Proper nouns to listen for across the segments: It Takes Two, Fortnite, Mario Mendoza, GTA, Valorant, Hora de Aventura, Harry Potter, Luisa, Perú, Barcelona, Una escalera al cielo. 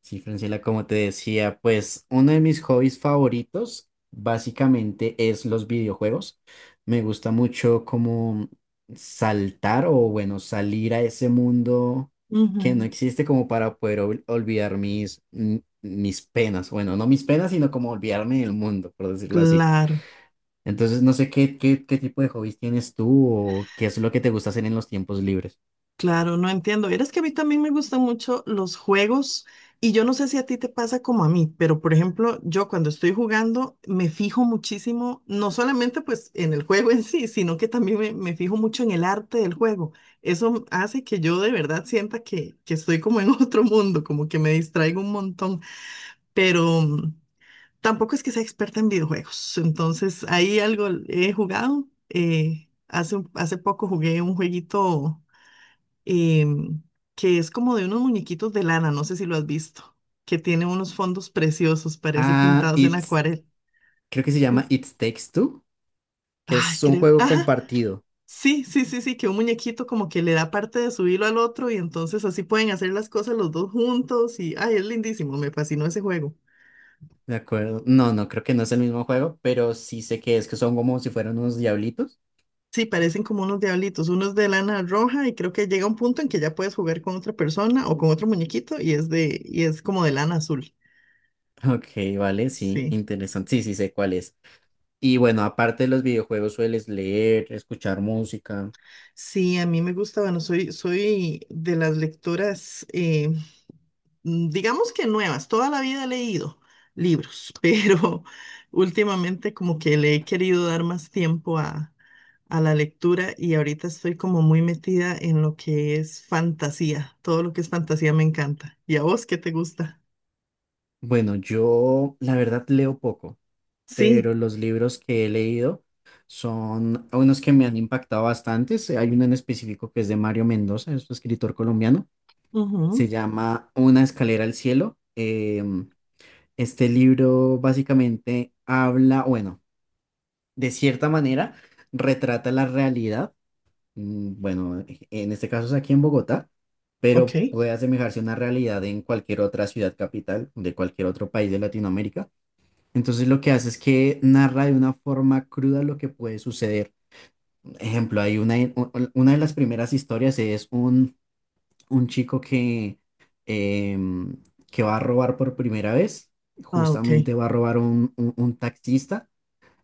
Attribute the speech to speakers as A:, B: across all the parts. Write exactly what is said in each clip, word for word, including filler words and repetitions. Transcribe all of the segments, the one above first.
A: Sí, Francela, como te decía, pues uno de mis hobbies favoritos básicamente es los videojuegos. Me gusta mucho como saltar o bueno, salir a ese mundo
B: Ujú.
A: que no existe como para poder ol- olvidar mis, mm, mis penas. Bueno, no mis penas, sino como olvidarme del mundo, por decirlo así.
B: Claro,
A: Entonces, no sé qué, qué, qué tipo de hobbies tienes tú o qué es lo que te gusta hacer en los tiempos libres.
B: claro, no entiendo. Verás que a mí también me gustan mucho los juegos y yo no sé si a ti te pasa como a mí, pero por ejemplo, yo cuando estoy jugando me fijo muchísimo, no solamente pues en el juego en sí, sino que también me, me fijo mucho en el arte del juego. Eso hace que yo de verdad sienta que, que estoy como en otro mundo, como que me distraigo un montón, pero... mm, tampoco es que sea experta en videojuegos, entonces ahí algo he jugado. Eh, hace, un- hace poco jugué un jueguito em, que es como de unos muñequitos de lana, no sé si lo has visto, que tiene unos fondos preciosos, parece
A: Ah,
B: pintados en
A: It's,
B: acuarela.
A: Creo que se
B: Mm.
A: llama It Takes Two, que
B: Ay,
A: es un
B: creo.
A: juego
B: Ajá,
A: compartido.
B: sí, sí, sí, sí, que un muñequito como que le da parte de su hilo al otro y entonces así pueden hacer las cosas los dos juntos y, ay, es lindísimo, me fascinó ese juego.
A: De acuerdo. No, no, creo que no es el mismo juego, pero sí sé que es que son como si fueran unos diablitos.
B: Sí, parecen como unos diablitos, unos de lana roja y creo que llega un punto en que ya puedes jugar con otra persona o con otro muñequito y es de y es como de lana azul.
A: Ok, vale, sí,
B: Sí.
A: interesante. Sí, sí sé cuál es. Y bueno, aparte de los videojuegos, sueles leer, escuchar música.
B: Sí, a mí me gusta, bueno, soy soy de las lectoras eh, mm, digamos que nuevas, toda la vida he leído libros, pero últimamente como que le he querido dar más tiempo a a la lectura y ahorita estoy como muy metida en lo que es fantasía, todo lo que es fantasía me encanta. ¿Y a vos qué te gusta?
A: Bueno, yo la verdad leo poco,
B: Sí.
A: pero los libros que he leído son unos que me han impactado bastante. Sí, hay uno en específico que es de Mario Mendoza, es un escritor colombiano. Se
B: Ujú.
A: llama Una escalera al cielo. Em, este libro básicamente habla, bueno, de cierta manera, retrata la realidad. mm, Bueno, en este caso es aquí en Bogotá,
B: Ok.
A: pero puede asemejarse a una realidad en cualquier otra ciudad capital de cualquier otro país de Latinoamérica. Entonces lo que hace es que narra de una forma cruda lo que puede suceder. Ejemplo, hay una, u- una de las primeras historias es un, un chico que, em, que va a robar por primera vez.
B: Ah, ok.
A: Justamente va a robar un un- un taxista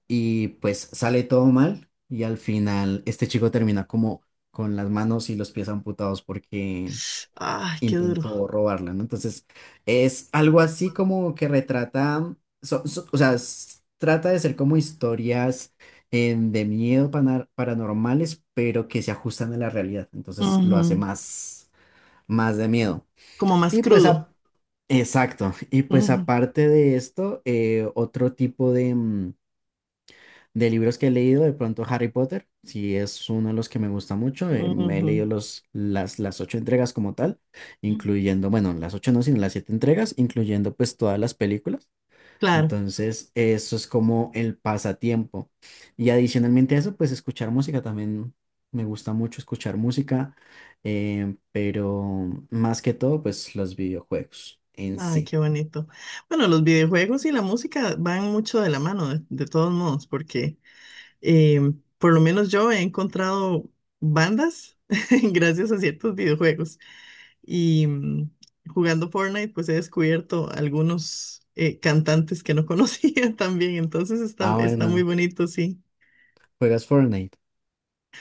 A: y pues sale todo mal y al final este chico termina como con las manos y los pies amputados porque
B: Ay, qué
A: intentó
B: duro.
A: robarla, ¿no? Entonces es algo así como que retrata, so- so- o sea, s- trata de ser como historias eh, de miedo pana- paranormales, pero que se ajustan a la realidad, entonces lo hace
B: Ujú.
A: más, más de miedo.
B: Como más
A: Y pues
B: crudo.
A: a- Exacto. Y pues
B: Ujú,
A: aparte de esto, eh, otro tipo de, mm, de libros que he leído, de pronto Harry Potter, sí es uno de los que me gusta mucho. Eh, me he
B: ujú.
A: leído los, las, las ocho entregas como tal, incluyendo, bueno, las ocho no, sino las siete entregas, incluyendo pues todas las películas.
B: Claro.
A: Entonces, eso es como el pasatiempo. Y adicionalmente a eso, pues escuchar música también me gusta mucho escuchar música, eh, pero más que todo, pues los videojuegos en
B: Ay, qué
A: sí.
B: bonito. Bueno, los videojuegos y la música van mucho de la mano, de, de todos modos, porque eh, por lo menos yo he encontrado bandas gracias a ciertos videojuegos. Y mm, jugando Fortnite, pues he descubierto algunos eh, cantantes que no conocía también. Entonces está,
A: Ah,
B: está muy
A: bueno,
B: bonito, sí.
A: juegas Fortnite.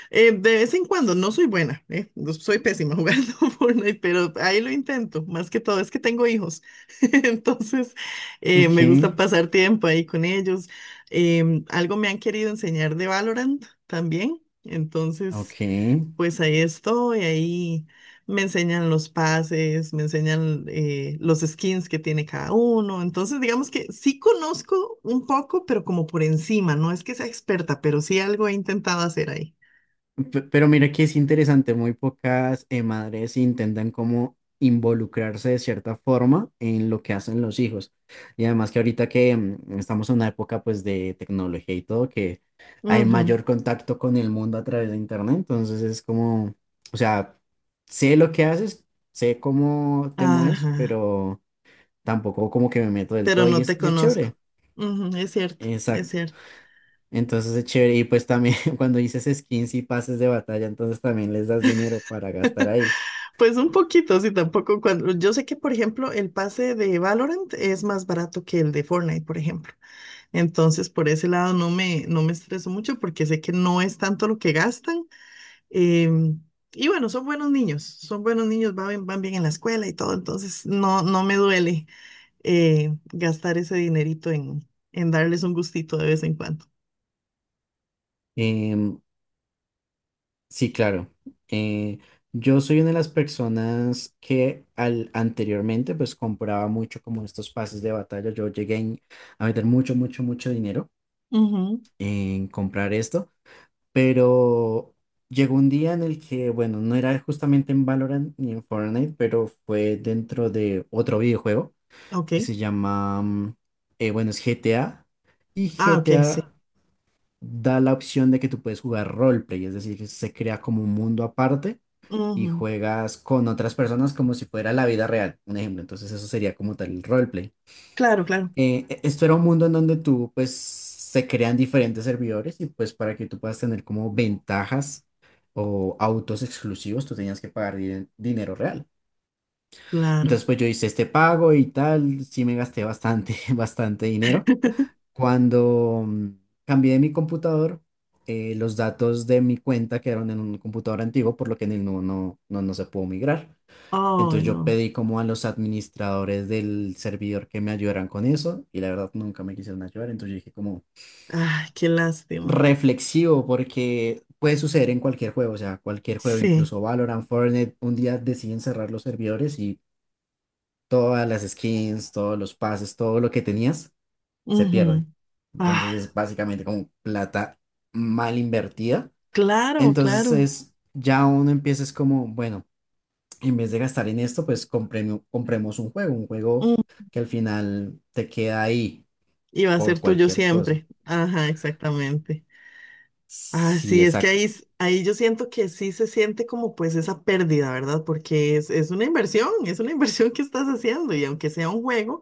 B: Eh, de vez en cuando, no soy buena, eh, no- soy pésima jugando Fortnite, pero ahí lo intento. Más que todo es que tengo hijos, entonces eh,
A: Ok,
B: me gusta pasar tiempo ahí con ellos. Em, algo me han querido enseñar de Valorant también, entonces
A: ok.
B: pues ahí estoy, ahí me enseñan los pases, me enseñan eh, los skins que tiene cada uno. Entonces, digamos que sí conozco un poco, pero como por encima, no es que sea experta, pero sí algo he intentado hacer ahí.
A: Pe- Pero mira que es interesante, muy pocas eh, madres intentan como involucrarse de cierta forma en lo que hacen los hijos. Y además que ahorita que mm, estamos en una época pues de tecnología y todo, que hay
B: Ujú.
A: mayor contacto con el mundo a través de internet, entonces es como, o sea, sé lo que haces, sé cómo te mueves,
B: Ajá,
A: pero tampoco como que me meto del
B: pero
A: todo y
B: no
A: es,
B: te
A: y es chévere.
B: conozco. Ujú, es cierto, es
A: Exacto,
B: cierto.
A: entonces es chévere. Y pues también cuando dices skins y pases de batalla, entonces también les das dinero para gastar ahí.
B: Pues un poquito, sí, tampoco cuando... Yo sé que, por ejemplo, el pase de Valorant es más barato que el de Fortnite, por ejemplo. Entonces, por ese lado no me, no me estreso mucho porque sé que no es tanto lo que gastan. em, y bueno, son buenos niños, son buenos niños, van, bien- van bien en la escuela y todo. Entonces, no, no me duele eh, gastar ese dinerito en, en darles un gustito de vez en cuando.
A: Em, sí, claro. Eh, yo soy una de las personas que al, anteriormente pues compraba mucho como estos pases de batalla. Yo llegué en- a meter mucho, mucho, mucho dinero
B: Ujú.
A: en comprar esto, pero llegó un día en el que, bueno, no era justamente en Valorant ni en Fortnite, pero fue dentro de otro videojuego
B: Ok.
A: que se llama, mm, eh, bueno, es G T A, y
B: Ah, ok,
A: G T A
B: sí.
A: da la opción de que tú puedes jugar roleplay, es decir, que se crea como un mundo aparte y
B: Ujú.
A: juegas con otras personas como si fuera la vida real, un ejemplo, entonces eso sería como tal el roleplay.
B: Claro, claro,
A: Eh, e- esto era un mundo en donde tú, pues, se crean diferentes servidores y pues para que tú puedas tener como ventajas o autos exclusivos, tú tenías que pagar din- dinero real.
B: claro.
A: Entonces, pues yo hice este pago y tal, sí me gasté bastante, bastante dinero. Cuando mm, cambié mi computador, eh, los datos de mi cuenta quedaron en un computador antiguo, por lo que en el nuevo no, no, no se pudo migrar.
B: Ay,
A: Entonces yo
B: no.
A: pedí como a los administradores del servidor que me ayudaran con eso y la verdad nunca me quisieron ayudar. Entonces yo dije como
B: Ay, qué lástima.
A: reflexivo porque puede suceder en cualquier juego, o sea, cualquier juego,
B: Sí,
A: incluso Valorant, Fortnite, un día deciden cerrar los servidores y todas las skins, todos los pases, todo lo que tenías se
B: ujú.
A: pierde.
B: Ah,
A: Entonces es básicamente como plata mal invertida.
B: claro,
A: Entonces
B: claro.
A: es, ya uno empieza es como, bueno, en vez de gastar en esto, pues compremo- compremos un juego, un juego
B: Mm.
A: que al final te queda ahí
B: Y va a ser
A: por
B: tuyo
A: cualquier cosa.
B: siempre. Ajá, exactamente. Ah,
A: Sí,
B: sí, es que
A: exacto.
B: ahí, s- ahí yo siento que sí se siente como pues esa pérdida, ¿verdad? Porque es, es una inversión, es una inversión que estás haciendo y aunque sea un juego,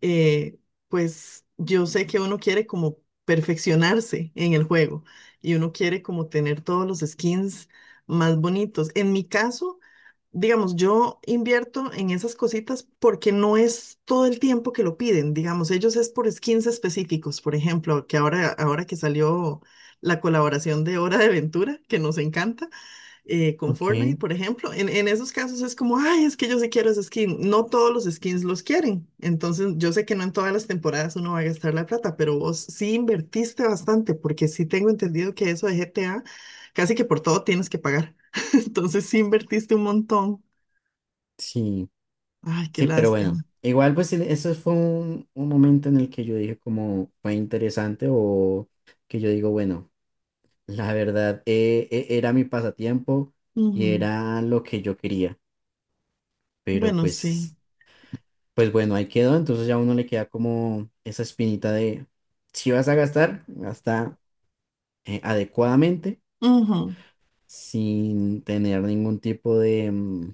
B: eh, pues yo sé que uno quiere como perfeccionarse en el juego y uno quiere como tener todos los skins más bonitos. En mi caso... Digamos, yo invierto en esas cositas porque no es todo el tiempo que lo piden, digamos, ellos es por skins específicos, por ejemplo, que ahora, ahora que salió la colaboración de Hora de Aventura, que nos encanta, eh, con
A: Ok,
B: Fortnite, por ejemplo, en, en esos casos es como, ay, es que yo sí quiero ese skin, no todos los skins los quieren, entonces yo sé que no en todas las temporadas uno va a gastar la plata, pero vos sí invertiste bastante, porque sí tengo entendido que eso de G T A, casi que por todo tienes que pagar, entonces sí invertiste un montón.
A: sí,
B: Ay, qué
A: sí, pero
B: lástima.
A: bueno, igual pues el- eso fue un, un momento en el que yo dije como fue interesante o que yo digo, bueno. La verdad, eh, e- era mi pasatiempo y
B: Ujú.
A: era lo que yo quería, pero
B: Bueno, sí.
A: pues, pues bueno, ahí quedó, entonces ya a uno le queda como esa espinita de, si vas a gastar, gasta eh, adecuadamente,
B: Ujú.
A: sin tener ningún tipo de, mm,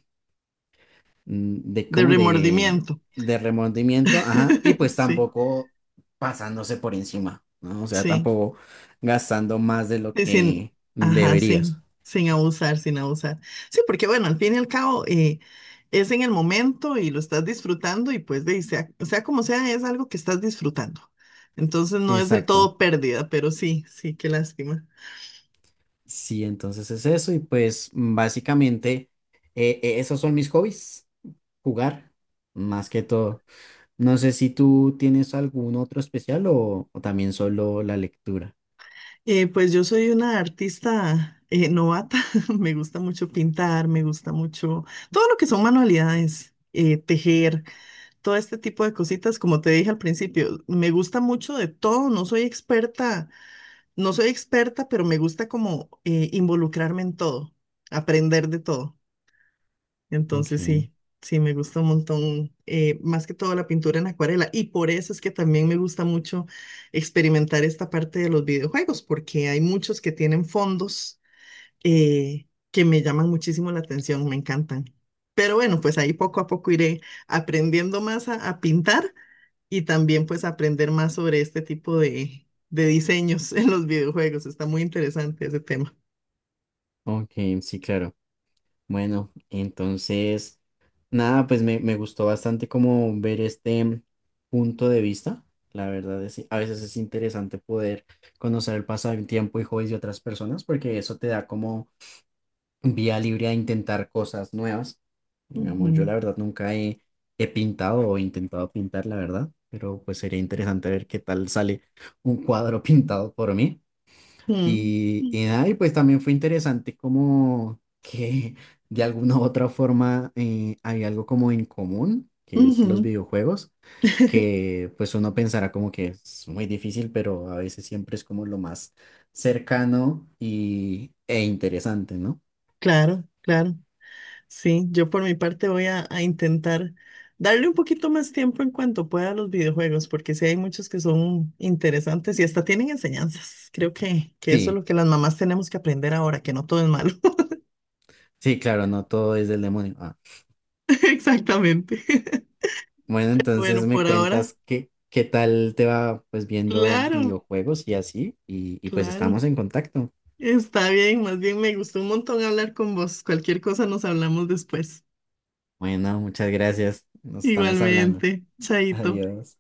A: mm, de
B: De
A: como de,
B: remordimiento.
A: de remordimiento, ajá, y pues
B: Sí,
A: tampoco pasándose por encima, ¿no? O sea,
B: sí.
A: tampoco gastando más de lo
B: Sí, sin,
A: que
B: ajá,
A: deberías.
B: sin, sin abusar, sin abusar. Sí, porque bueno, al fin y al cabo eh, es en el momento y lo estás disfrutando y pues de, sea, sea como sea, es algo que estás disfrutando. Entonces no es del
A: Exacto.
B: todo pérdida, pero sí, sí, qué lástima.
A: Sí, entonces es eso y pues básicamente eh, eh, esos son mis hobbies, jugar más que todo. No sé si tú tienes algún otro especial o, o también solo la lectura.
B: Eh, pues yo soy una artista eh, novata, me gusta mucho pintar, me gusta mucho todo lo que son manualidades, eh, tejer, todo este tipo de cositas, como te dije al principio, me gusta mucho de todo, no soy experta, no soy experta, pero me gusta como eh, involucrarme en todo, aprender de todo. Entonces
A: Ok,
B: sí, sí, me gusta un montón, eh, más que todo la pintura en acuarela. Y por eso es que también me gusta mucho experimentar esta parte de los videojuegos, porque hay muchos que tienen fondos eh, que me llaman muchísimo la atención, me encantan. Pero bueno, pues ahí poco a poco iré aprendiendo más a, a pintar y también pues aprender más sobre este tipo de, de diseños en los videojuegos. Está muy interesante ese tema.
A: ok, sí, claro. Bueno, entonces, nada, pues me, me gustó bastante como ver este punto de vista. La verdad es, a veces es interesante poder conocer el pasado del tiempo y hobbies de otras personas porque eso te da como vía libre a intentar cosas nuevas.
B: Ujú,
A: Digamos, yo la verdad nunca he, he pintado o intentado pintar, la verdad, pero pues sería interesante ver qué tal sale un cuadro pintado por mí.
B: mm,
A: Y, y nada, y pues también fue interesante como que de alguna u otra forma eh, hay algo como en común, que es los
B: ujú.
A: videojuegos, que pues uno pensará como que es muy difícil, pero a veces siempre es como lo más cercano y, e interesante, ¿no?
B: Claro, claro. Sí, yo por mi parte voy a, a intentar darle un poquito más tiempo en cuanto pueda a los videojuegos, porque sí hay muchos que son interesantes y hasta tienen enseñanzas. Creo que, que eso es
A: Sí.
B: lo que las mamás tenemos que aprender ahora, que no todo es malo.
A: Sí, claro, no todo es del demonio. Ah.
B: Exactamente.
A: Bueno, entonces
B: Bueno,
A: me
B: por ahora,
A: cuentas qué, qué tal te va pues viendo
B: claro,
A: videojuegos y así, y, y pues
B: claro.
A: estamos en contacto.
B: Está bien, más bien me gustó un montón hablar con vos. Cualquier cosa nos hablamos después.
A: Bueno, muchas gracias. Nos estamos hablando.
B: Igualmente, Chaito.
A: Adiós.